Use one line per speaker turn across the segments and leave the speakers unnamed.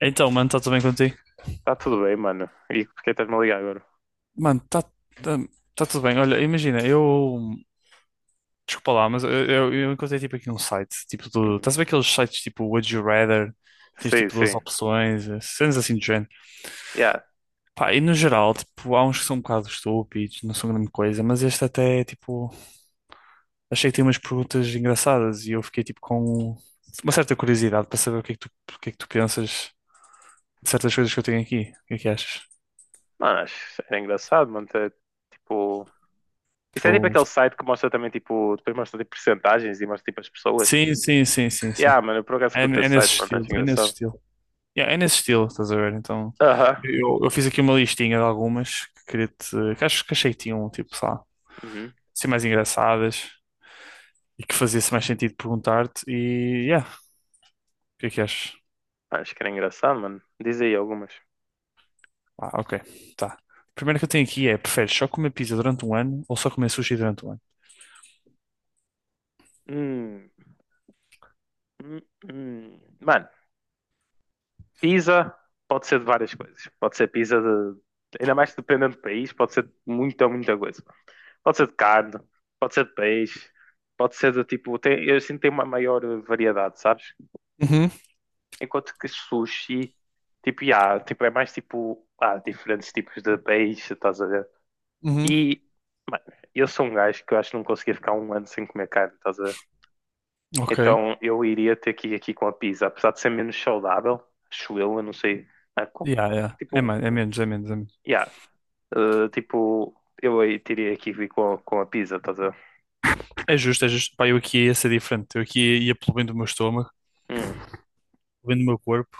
Então, mano, está tudo bem contigo?
Tá tudo bem, mano. E por que estás-me a ligar agora?
Mano, está tá, tá tá tudo bem. Olha, imagina, eu. Desculpa lá, mas eu encontrei tipo aqui um site, tipo do.
Hum.
Estás a ver aqueles sites tipo Would You Rather? Tens
Sim,
tipo duas
sim.
opções, cenas assim do género.
Yeah.
Pá, e no geral, tipo, há uns que são um bocado estúpidos, não são grande coisa, mas este até, tipo, achei que tinha umas perguntas engraçadas e eu fiquei tipo com uma certa curiosidade para saber o que é que tu, o que é que tu pensas de certas coisas que eu tenho aqui. O que é que achas?
Mano, era engraçado, mano. Ter, tipo... Isso é tipo
Ou...
aquele site que mostra também, tipo... Depois mostra, tipo, percentagens e mostra, tipo, as pessoas.
Sim, sim, sim, sim, sim.
Yeah, mano, eu por acaso
É,
curto
é
esse
nesse
site, mano.
estilo,
Acho
é nesse
engraçado.
estilo. Yeah, é nesse estilo, estás a ver? Então,
Aham.
eu fiz aqui uma listinha de algumas que queria te, que acho que achei que tinham, tipo, sei lá,
Uhum.
ser mais engraçadas e que fazia-se mais sentido perguntar-te e, yeah, o que é que achas?
Acho que era engraçado, mano. Diz aí algumas.
Ah, ok, tá. A primeira que eu tenho aqui é, preferes só comer pizza durante um ano ou só comer sushi durante um ano?
Hum. Hum, hum. Mano, pizza pode ser de várias coisas. Pode ser pizza de... Ainda mais dependendo do país, pode ser de muita, muita coisa. Pode ser de carne, pode ser de peixe, pode ser de tipo. Tem, eu sinto que tem uma maior variedade, sabes?
Uhum,
Enquanto que sushi, tipo, yeah, tipo, é mais tipo. Há diferentes tipos de peixe, estás a ver?
uhum,
E, mano, eu sou um gajo que eu acho que não conseguia ficar um ano sem comer carne, estás a ver?
ok.
Então eu iria ter que ir aqui com a pizza, apesar de ser menos saudável, acho eu não sei. Ah,
Yeah, yeah. É
tipo,
mais, é menos, é menos, é menos.
yeah, tipo, eu aí teria que vir com a pizza, estás a ver?
É justo, é justo. Pá, eu aqui ia ser diferente. Eu aqui ia pelo bem do meu estômago,
Hum,
pelo bem do meu corpo.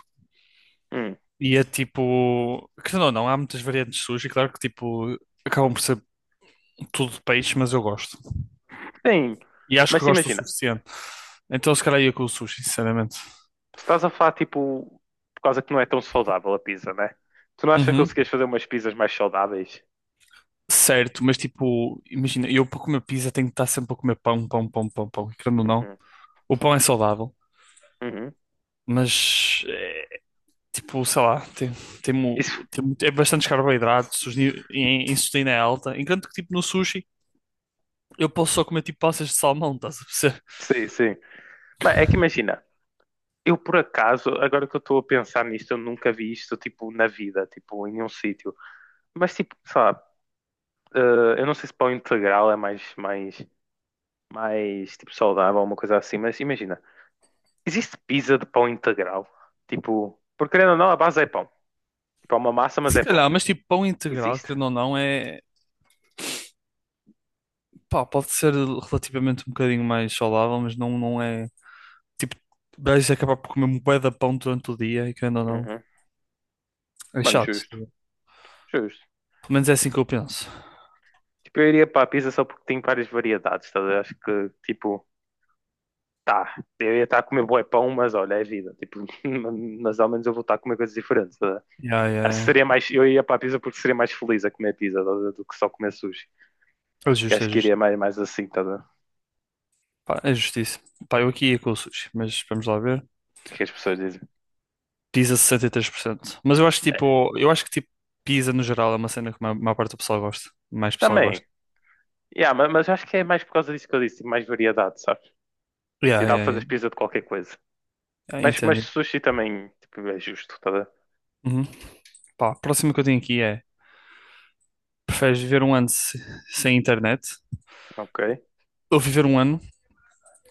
hum.
E é tipo. Que não, não, há muitas variantes de sushi, claro que tipo. Acabam por ser tudo de peixe, mas eu gosto.
Sim,
E acho
mas
que
se
gosto o
imagina,
suficiente. Então se calhar ia com o sushi, sinceramente.
tu estás a falar tipo, por causa que não é tão saudável a pizza, né? Tu não achas que
Uhum.
conseguias fazer umas pizzas mais saudáveis?
Certo, mas tipo, imagina, eu para comer pizza tenho que estar sempre a comer pão, pão, pão, pão, pão. E querendo ou não,
Uhum,
o pão é saudável,
uhum.
mas é, tipo, sei lá,
Isso,
mu- tem, muito- é bastantes carboidratos, os ni- e a insulina é alta. Enquanto que tipo no sushi eu posso só comer tipo passas de salmão, estás a perceber?
sim, sim. Mas é que imagina, eu por acaso, agora que eu estou a pensar nisto, eu nunca vi isto tipo na vida, tipo em nenhum sítio. Mas tipo, sei lá, eh, eu não sei se pão integral é mais tipo saudável, uma coisa assim, mas imagina, existe pizza de pão integral? Tipo, porque querendo ou não, a base é pão. Tipo, é uma massa, mas
Se
é pão.
calhar, mas tipo, pão integral,
Existe?
querendo ou não, é. Pá, pode ser relativamente um bocadinho mais saudável, mas não, não é. Tipo, vais acabar por comer um bué de pão durante o dia e querendo ou não.
Uhum.
É
Mano,
chato.
justo,
Tá bem?
justo.
Pelo menos é assim que eu penso.
Tipo, eu iria para a pizza só porque tem várias variedades, tá a ver? Acho que, tipo, tá, eu ia estar a comer bué pão, mas olha, é vida. Tipo, mas ao menos eu vou estar a comer coisas diferentes, tá a ver?
Yeah, yeah,
Acho que
yeah.
seria mais, eu ia para a pizza porque seria mais feliz a comer pizza tá a ver? Do que só comer sushi.
É
Eu
justo,
acho
é
que
justo.
iria mais, mais assim, tá a ver?
Pá, é justiça. Pá, eu aqui ia com o sushi, mas vamos lá ver.
O que as pessoas dizem.
Pizza 63%. Mas eu acho que
É.
tipo, eu acho que tipo, pizza no geral é uma cena que a maior parte do pessoal gosta. Mais pessoal
Também,
gosta.
yeah, mas, acho que é mais por causa disso que eu disse, tipo, mais variedade, sabes?
Yeah,
Tipo, dá para
yeah, yeah.
fazer pizza de qualquer coisa.
Ah,
Mas
entendi.
sushi também, tipo, é justo, tá a ver?
Uhum. Pá, a próxima que eu tenho aqui é. Preferes viver um ano se- sem internet
Ok.
ou viver um ano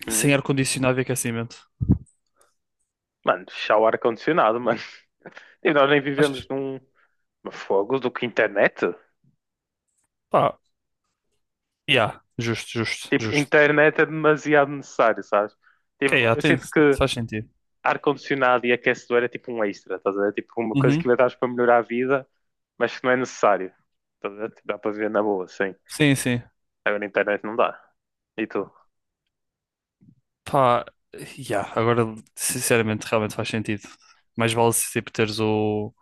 Uhum.
sem ar-condicionado e aquecimento?
Mano, fechar o ar-condicionado, mano. E nós nem vivemos
Achas?
num fogo do que internet.
Pá, yeah, justo, justo,
Tipo,
justo.
internet é demasiado necessário, sabes?
Ok,
Tipo,
yeah,
eu
tem,
sinto que
faz sentido.
ar-condicionado e aquecedor é tipo um extra, estás a ver? Tipo, uma coisa que
Uhum.
inventaste para melhorar a vida, mas que não é necessário. Estás a ver? Tipo, dá para viver na boa, sim.
Sim, sim.
Agora, internet não dá. E tu?
Pá, yeah, agora, sinceramente, realmente faz sentido. Mais vale se tipo teres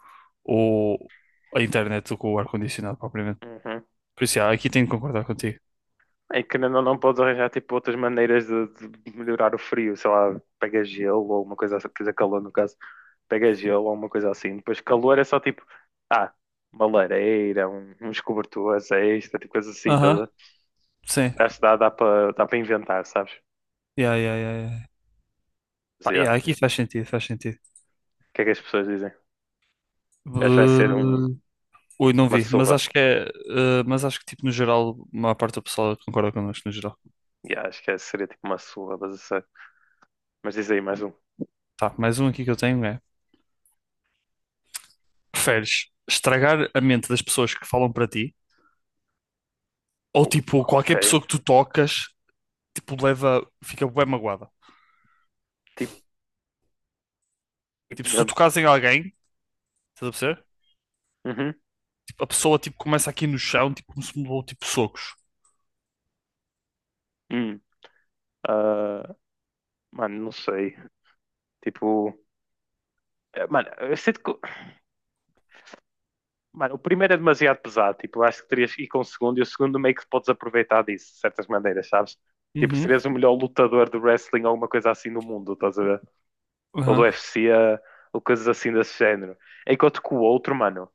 o, a internet do que o ar-condicionado propriamente.
Uhum.
Por isso, yeah, aqui tenho que concordar contigo.
É que não, não podes arranjar tipo, outras maneiras de melhorar o frio, sei lá, pega gelo ou uma coisa assim, precisa calor no caso, pega gelo ou uma coisa assim. Depois calor é só tipo, ah, uma lareira, uns cobertores extra, tipo coisa assim, tá,
Aham, sim.
tá? Acho que dá para inventar, sabes?
Yeah, yeah, yeah, yeah.
Mas,
Pá,
yeah, o
yeah, aqui faz sentido, faz sentido.
que é que as pessoas dizem? Acho que vai ser
Ui, não
uma
vi, mas
surra.
acho que é, mas acho que tipo no geral, a maior parte do pessoal concorda connosco no geral.
Yeah, acho que seria tipo uma surra, mas, eu sei. Mas diz aí mais um.
Tá, mais um aqui que eu tenho é: preferes estragar a mente das pessoas que falam para ti, ou
Oh,
tipo,
ok,
qualquer pessoa que tu tocas, tipo, leva, fica bem magoada. Tipo, se tu
tipicamente.
tocas em alguém, estás a perceber?
Uhum.
Tipo, a pessoa tipo começa aqui no chão, tipo, como se me levou tipo socos.
Hum. Ah, mano, não sei. Tipo. Mano, eu sinto que. Mano, o primeiro é demasiado pesado. Tipo, eu acho que terias que ir com o segundo e o segundo meio que podes aproveitar disso, de certas maneiras, sabes? Tipo,
Uhum.
serias o melhor lutador de wrestling ou alguma coisa assim no mundo, estás a ver? Ou do
Aham.
UFC, ou coisas assim desse género. Enquanto que o outro, mano,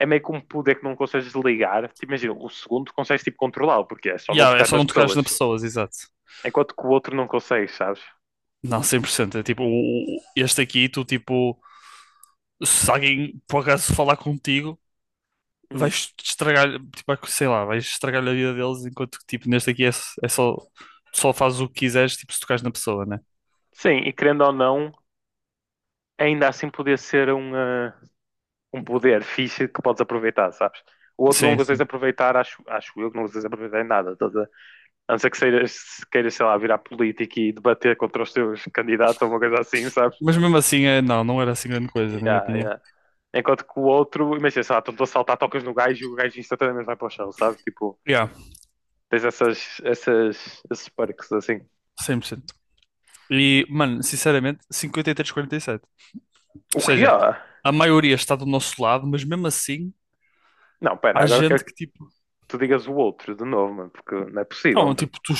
é meio que um poder que não consegues ligar. Tipo, imagina, o segundo consegues tipo controlá-lo, porque é só não
Yeah, é
tocar
só
nas
não tocares nas
pessoas.
pessoas, exato.
Enquanto que o outro não consegues, sabes?
Não, 100%. É tipo, o- este aqui, tu tipo, se alguém por acaso falar contigo,
Hum.
vais estragar, tipo, sei lá, vais estragar a vida deles enquanto que, tipo, neste aqui é, é só, só fazes o que quiseres, tipo, se tocares na pessoa, né?
Sim, e querendo ou não, ainda assim podia ser um poder fixe que podes aproveitar, sabes? O outro não
Sim,
consegues
sim.
aproveitar, acho eu que não consegues aproveitar em nada. Toda a não ser que seiras, se queiras, sei lá, virar político e debater contra os teus candidatos ou uma coisa assim, sabes?
Mas mesmo assim, é, não, não era assim grande coisa, na minha
Yeah,
opinião.
yeah. Enquanto que o outro, imagina, sei lá, estou a saltar, tocas no gajo e o gajo instantaneamente vai para o chão, sabes? Tipo,
Yeah,
tens esses perks assim.
100%. E, mano, sinceramente, 53-47. Ou
O que
seja,
é?
a maioria está do nosso lado, mas mesmo assim,
Não, pera,
há
agora quero
gente
que
que, tipo,
tu digas o outro de novo, mano, porque não é possível,
não,
mano.
tipo, tu,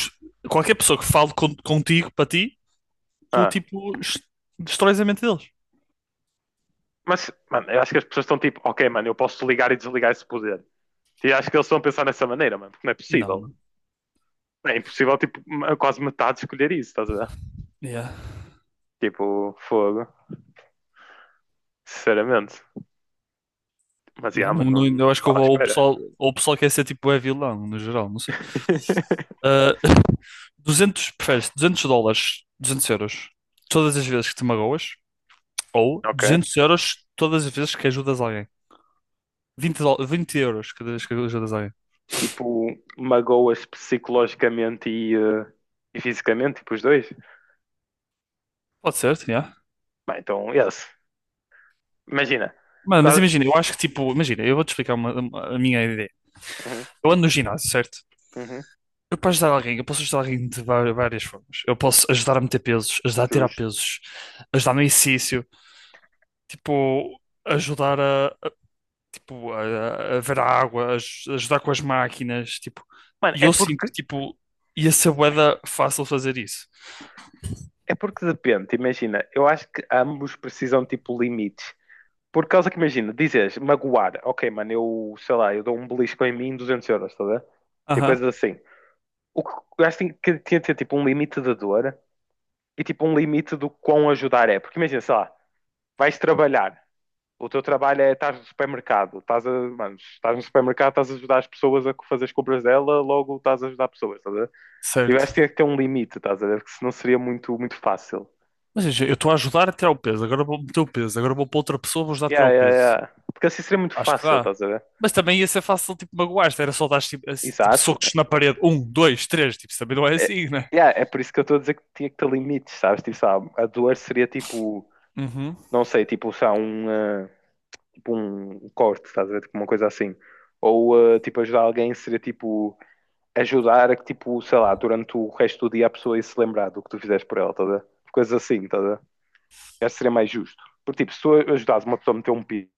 qualquer pessoa que fale con- contigo, para ti, tu,
Ah,
tipo, es- destróis a mente deles.
mas, mano, eu acho que as pessoas estão tipo, ok, mano, eu posso ligar e desligar esse poder. E acho que eles estão a pensar nessa maneira, mano. Não é
Não,
possível.
mano.
É impossível, tipo, quase metade escolher isso, estás a ver?
Yeah.
Tipo, fogo. Sinceramente. Mas,
Yeah,
yeah, mano,
não, não-
não
eu acho que
estava à
houve-
espera.
ou o pessoal quer ser tipo é vilão, no geral, não sei. Ah, 200, preferes 200 dólares, 200 euros, todas as vezes que te magoas, ou
Ok.
200 euros todas as vezes que ajudas alguém. Vinte dol- 20€ cada vez que ajudas alguém.
Tipo, magoas psicologicamente e fisicamente, tipo, os dois.
Pode ser, yeah.
Bem, então, yes. Imagina. Por
Mano, mas
causa...
imagina, eu acho que tipo, imagina, eu vou-te explicar uma- a minha ideia.
Uhum,
Eu ando no ginásio, certo?
uhum,
Eu para ajudar alguém, eu posso ajudar alguém de va- várias formas. Eu posso ajudar a meter pesos, ajudar a tirar
justo.
pesos, ajudar no exercício, tipo, ajudar tipo, a ver a água, a aj- ajudar com as máquinas, tipo,
Mano,
e eu sinto que, tipo, ia ser bué da fácil fazer isso.
é porque depende. Imagina, eu acho que ambos precisam, tipo, limites. Por causa que imagina, dizes magoar, ok, mano, eu sei lá, eu dou um belisco em mim 200 euros, estás a ver? Tipo
Aham.
coisas assim. O que o gajo que tinha que ter tipo um limite da dor e tipo um limite do quão ajudar é. Porque imagina, sei lá, vais trabalhar, o teu trabalho é estás no supermercado, estás a, mano, estás no supermercado, estás a ajudar as pessoas a fazer as compras dela, logo estás a ajudar pessoas, estás a ver? Tipo, o gajo
Certo.
tinha que ter um limite, estás a ver? Porque senão seria muito, muito fácil.
Mas veja, eu estou a ajudar a tirar o peso, agora vou meter o peso, agora vou para outra pessoa, vou ajudar a tirar o peso.
Yeah. Porque assim seria muito
Acho que
fácil,
dá.
estás a ver?
Mas também ia ser fácil, tipo, magoar-te, era só dar, tipo, assim, tipo,
Exato.
socos na parede, um, dois, três, tipo, isso também não é
É,
assim, né?
yeah, é por isso que eu estou a dizer que tinha que ter limites, sabes? Tipo, sabe, a dor seria tipo,
Uhum.
não sei, tipo, sei lá, tipo um corte, estás a ver? Tipo, uma coisa assim. Ou tipo, ajudar alguém seria tipo, ajudar a que, tipo, sei lá, durante o resto do dia a pessoa ia se lembrar do que tu fizeste por ela, estás a ver? Coisas assim, estás a ver? Acho que seria mais justo. Porque, tipo, se tu ajudares uma pessoa a meter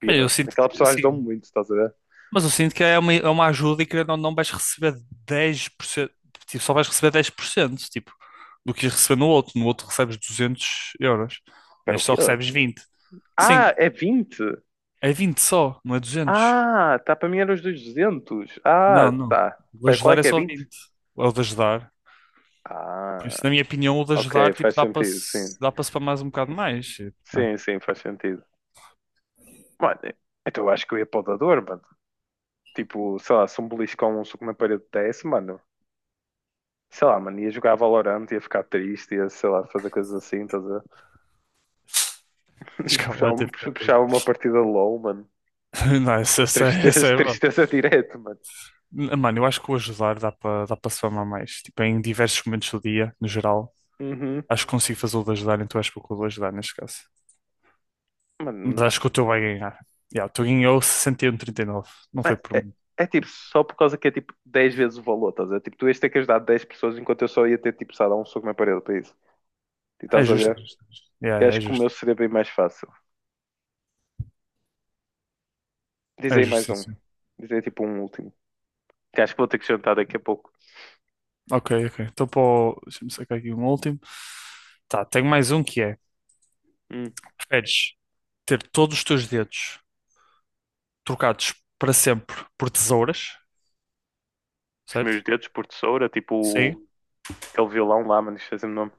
pi-
Bem, eu sinto
aquela
que,
pessoa ajudou-me
sim.
muito, estás a ver?
Mas eu sinto que é uma ajuda e que não, não vais receber 10%, tipo, só vais receber 10%, tipo, do que ias receber no outro. No outro recebes 200 euros,
Espera, o
neste só
quê?
recebes vinte. Sim,
Ah, é vinte.
é 20 só, não é duzentos.
Ah, tá, para mim era os 200. Ah,
Não, não.
tá.
O de
Pera, qual é
ajudar é
que é
só
vinte.
vinte. É o de ajudar. Por
Ah,
isso, na minha opinião, o de
ok,
ajudar, tipo,
faz sentido, sim.
dá para se para mais um bocado mais. Tipo, né?
Sim, sim, faz sentido. Mano, então eu acho que eu ia para o dador, mano. Tipo, sei lá, se um beliscão, um soco na parede desse, mano. Sei lá, mano, ia jogar Valorant, ia ficar triste, ia, sei lá, fazer coisas assim, estás a ver? Puxava,
Escalante fica
puxava uma partida low, mano.
Não, essa, essa,
Tristeza,
essa é boa.
tristeza direto, mano.
Mano, eu acho que o ajudar dá para dá para se famar mais. Tipo, em diversos momentos do dia, no geral,
Uhum,
acho que consigo fazer o de ajudar, então acho que vou com o de ajudar neste caso.
mano.
Mas acho que o teu vai ganhar. Yeah, o teu ganhou 61,39. Não foi
É,
por
é-
muito.
é tipo, só por causa que é tipo 10 vezes o valor, estás a ver? Tipo, tu ias ter que ajudar dez pessoas enquanto eu só ia ter tipo, sei lá, um soco na parede para isso. E
É
estás a
justo, é
ver?
justo, é justo. Yeah,
Eu
é
acho que o meu
justo.
seria bem mais fácil. Diz
É justo,
mais
sim,
um.
sim.
Diz tipo um último. Que acho que vou ter que jantar daqui a pouco.
Ok, ok. Então, pô, deixa-me sacar aqui um último. Tá, tenho mais um que é:
Hum,
preferes ter todos os teus dedos trocados para sempre por tesouras,
os
certo?
meus dedos por tesoura, tipo
Sim.
aquele violão lá, mano, esqueci o nome.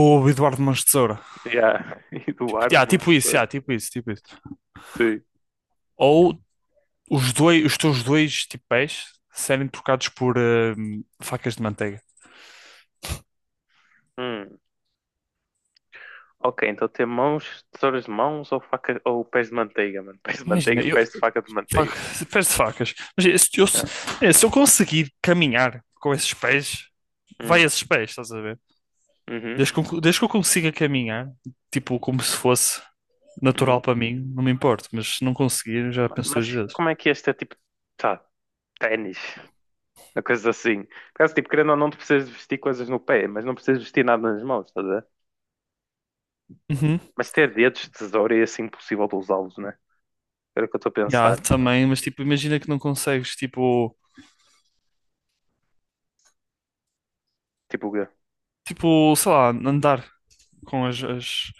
Ou Eduardo Mãos de Tesoura.
Yeah.
Tipo,
Eduardo, meu tesouro.
yeah, tipo isso, tipo isso.
Sim.
Ou os dois, os teus dois tipo pés serem trocados por facas de manteiga.
Hum, ok, então ter mãos, tesouras de mãos ou faca ou pés de manteiga, mano. Pés de
Imagina,
manteiga,
eu
pés de faca de
fa-
manteiga.
pés de facas. Mas se eu, se
Yeah.
é, se eu conseguir caminhar com esses pés, vai
Hum,
esses pés, estás a ver?
uhum,
Desde que eu consiga caminhar, tipo, como se fosse natural
uhum.
para mim, não me importo. Mas se não conseguir, já penso duas
Mas
vezes.
como é que este é tipo, tá, ténis, uma coisa assim. Caso tipo, querendo ou não, tu precisas de vestir coisas no pé, mas não precisas vestir nada nas mãos, estás a ver?
Uhum.
Mas ter dedos de tesoura é assim impossível de usá-los, né? Era o que eu estou a
Já,
pensar.
também, mas tipo, imagina que não consegues, tipo,
Tipo, o
tipo, sei lá, andar com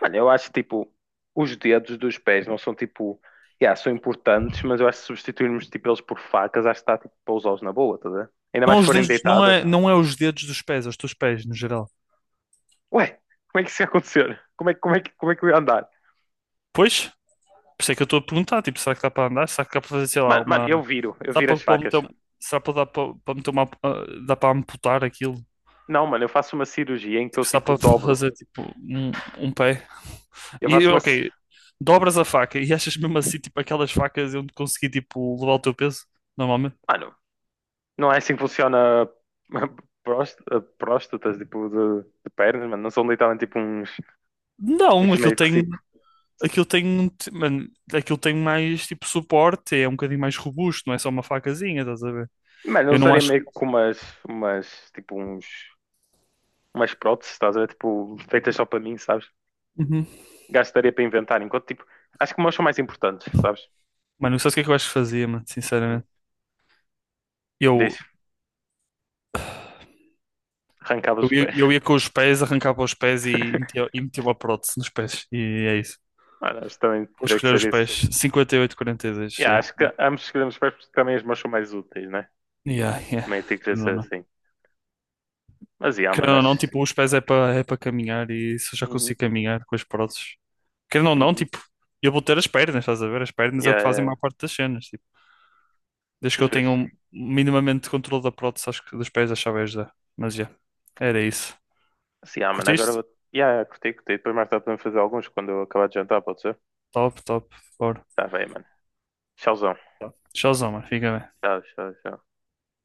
mano, eu acho que tipo, os dedos dos pés não são tipo, yeah, são importantes, mas eu acho que se substituirmos tipo eles por facas, acho que está tipo para usá-los na boa, tá a ver? Ainda
não
mais se
os
forem
dedos, não é,
deitadas.
não é os dedos dos pés, é os teus pés, no geral.
Ué, como é que isso ia acontecer? Como é que eu ia andar?
Pois, por isso é que eu estou a perguntar, tipo, será que dá para andar? Será que dá para fazer, sei lá,
Mano, mano,
uma...
eu
Será
viro
para,
as
para
facas.
meter, será para, dar para, para meter uma... ah, dá para amputar aquilo?
Não, mano, eu faço uma cirurgia em que eu
Tipo, será
tipo
para
dobro.
fazer, tipo, um pé?
Eu
E,
faço uma.
ok, dobras a faca e achas mesmo assim, tipo, aquelas facas onde consegui, tipo, levar o teu peso, normalmente?
Mano, não é assim que funciona próst- próstatas, tipo, de pernas, mano. Não são literalmente tipo uns.
Não,
Uns
aquilo
meio que
tem...
tipo.
Aquilo tem, mano, aquilo tem mais, tipo, suporte, é um bocadinho mais robusto, não é só uma facazinha, estás a ver?
Mano, eu
Eu não
usaria
acho...
meio que com umas, umas tipo uns umas próteses, estás a ver? Tipo, feitas só para mim, sabes?
Uhum.
Gastaria para inventar, enquanto tipo, acho que meus são mais importantes, sabes?
Mano, não sabes o que é que eu acho que fazia, mano? Sinceramente. Eu,
Deixa, arrancava os
ia,
pés.
eu ia com os pés, arrancava os pés e metia uma prótese nos pés. E é isso.
Mano, acho que também
Vou
teria que
escolher
ser
os
isso.
pés. 58-42,
Yeah,
yeah.
acho que ambos escolhemos os pés porque também os meus são mais úteis, né?
Yeah, yeah.
Também tem que
Querendo
ser
ou não.
assim. Mas yeah, mano,
Querendo ou
acho.
não, tipo, os pés é para é para caminhar e se eu já
Uhum,
consigo caminhar com as próteses. Querendo ou não,
uhum.
tipo, eu vou ter as pernas, estás a ver? As pernas é o que fazem a
Yeah,
maior parte das cenas. Tipo, desde
é
que eu tenha
justo.
um minimamente controle da prótese, acho que dos pés achava ajudar. Mas, já, yeah, era isso.
Assim, ah, mano, agora
Curtiste?
vou. Yeah, curti, curti. Depois mais tarde podemos fazer alguns quando eu acabar de jantar, pode ser?
Top, top. Bora.
Tá bem, mano. Tchauzão.
Tchauzão, mano. Fica bem.
Tchau.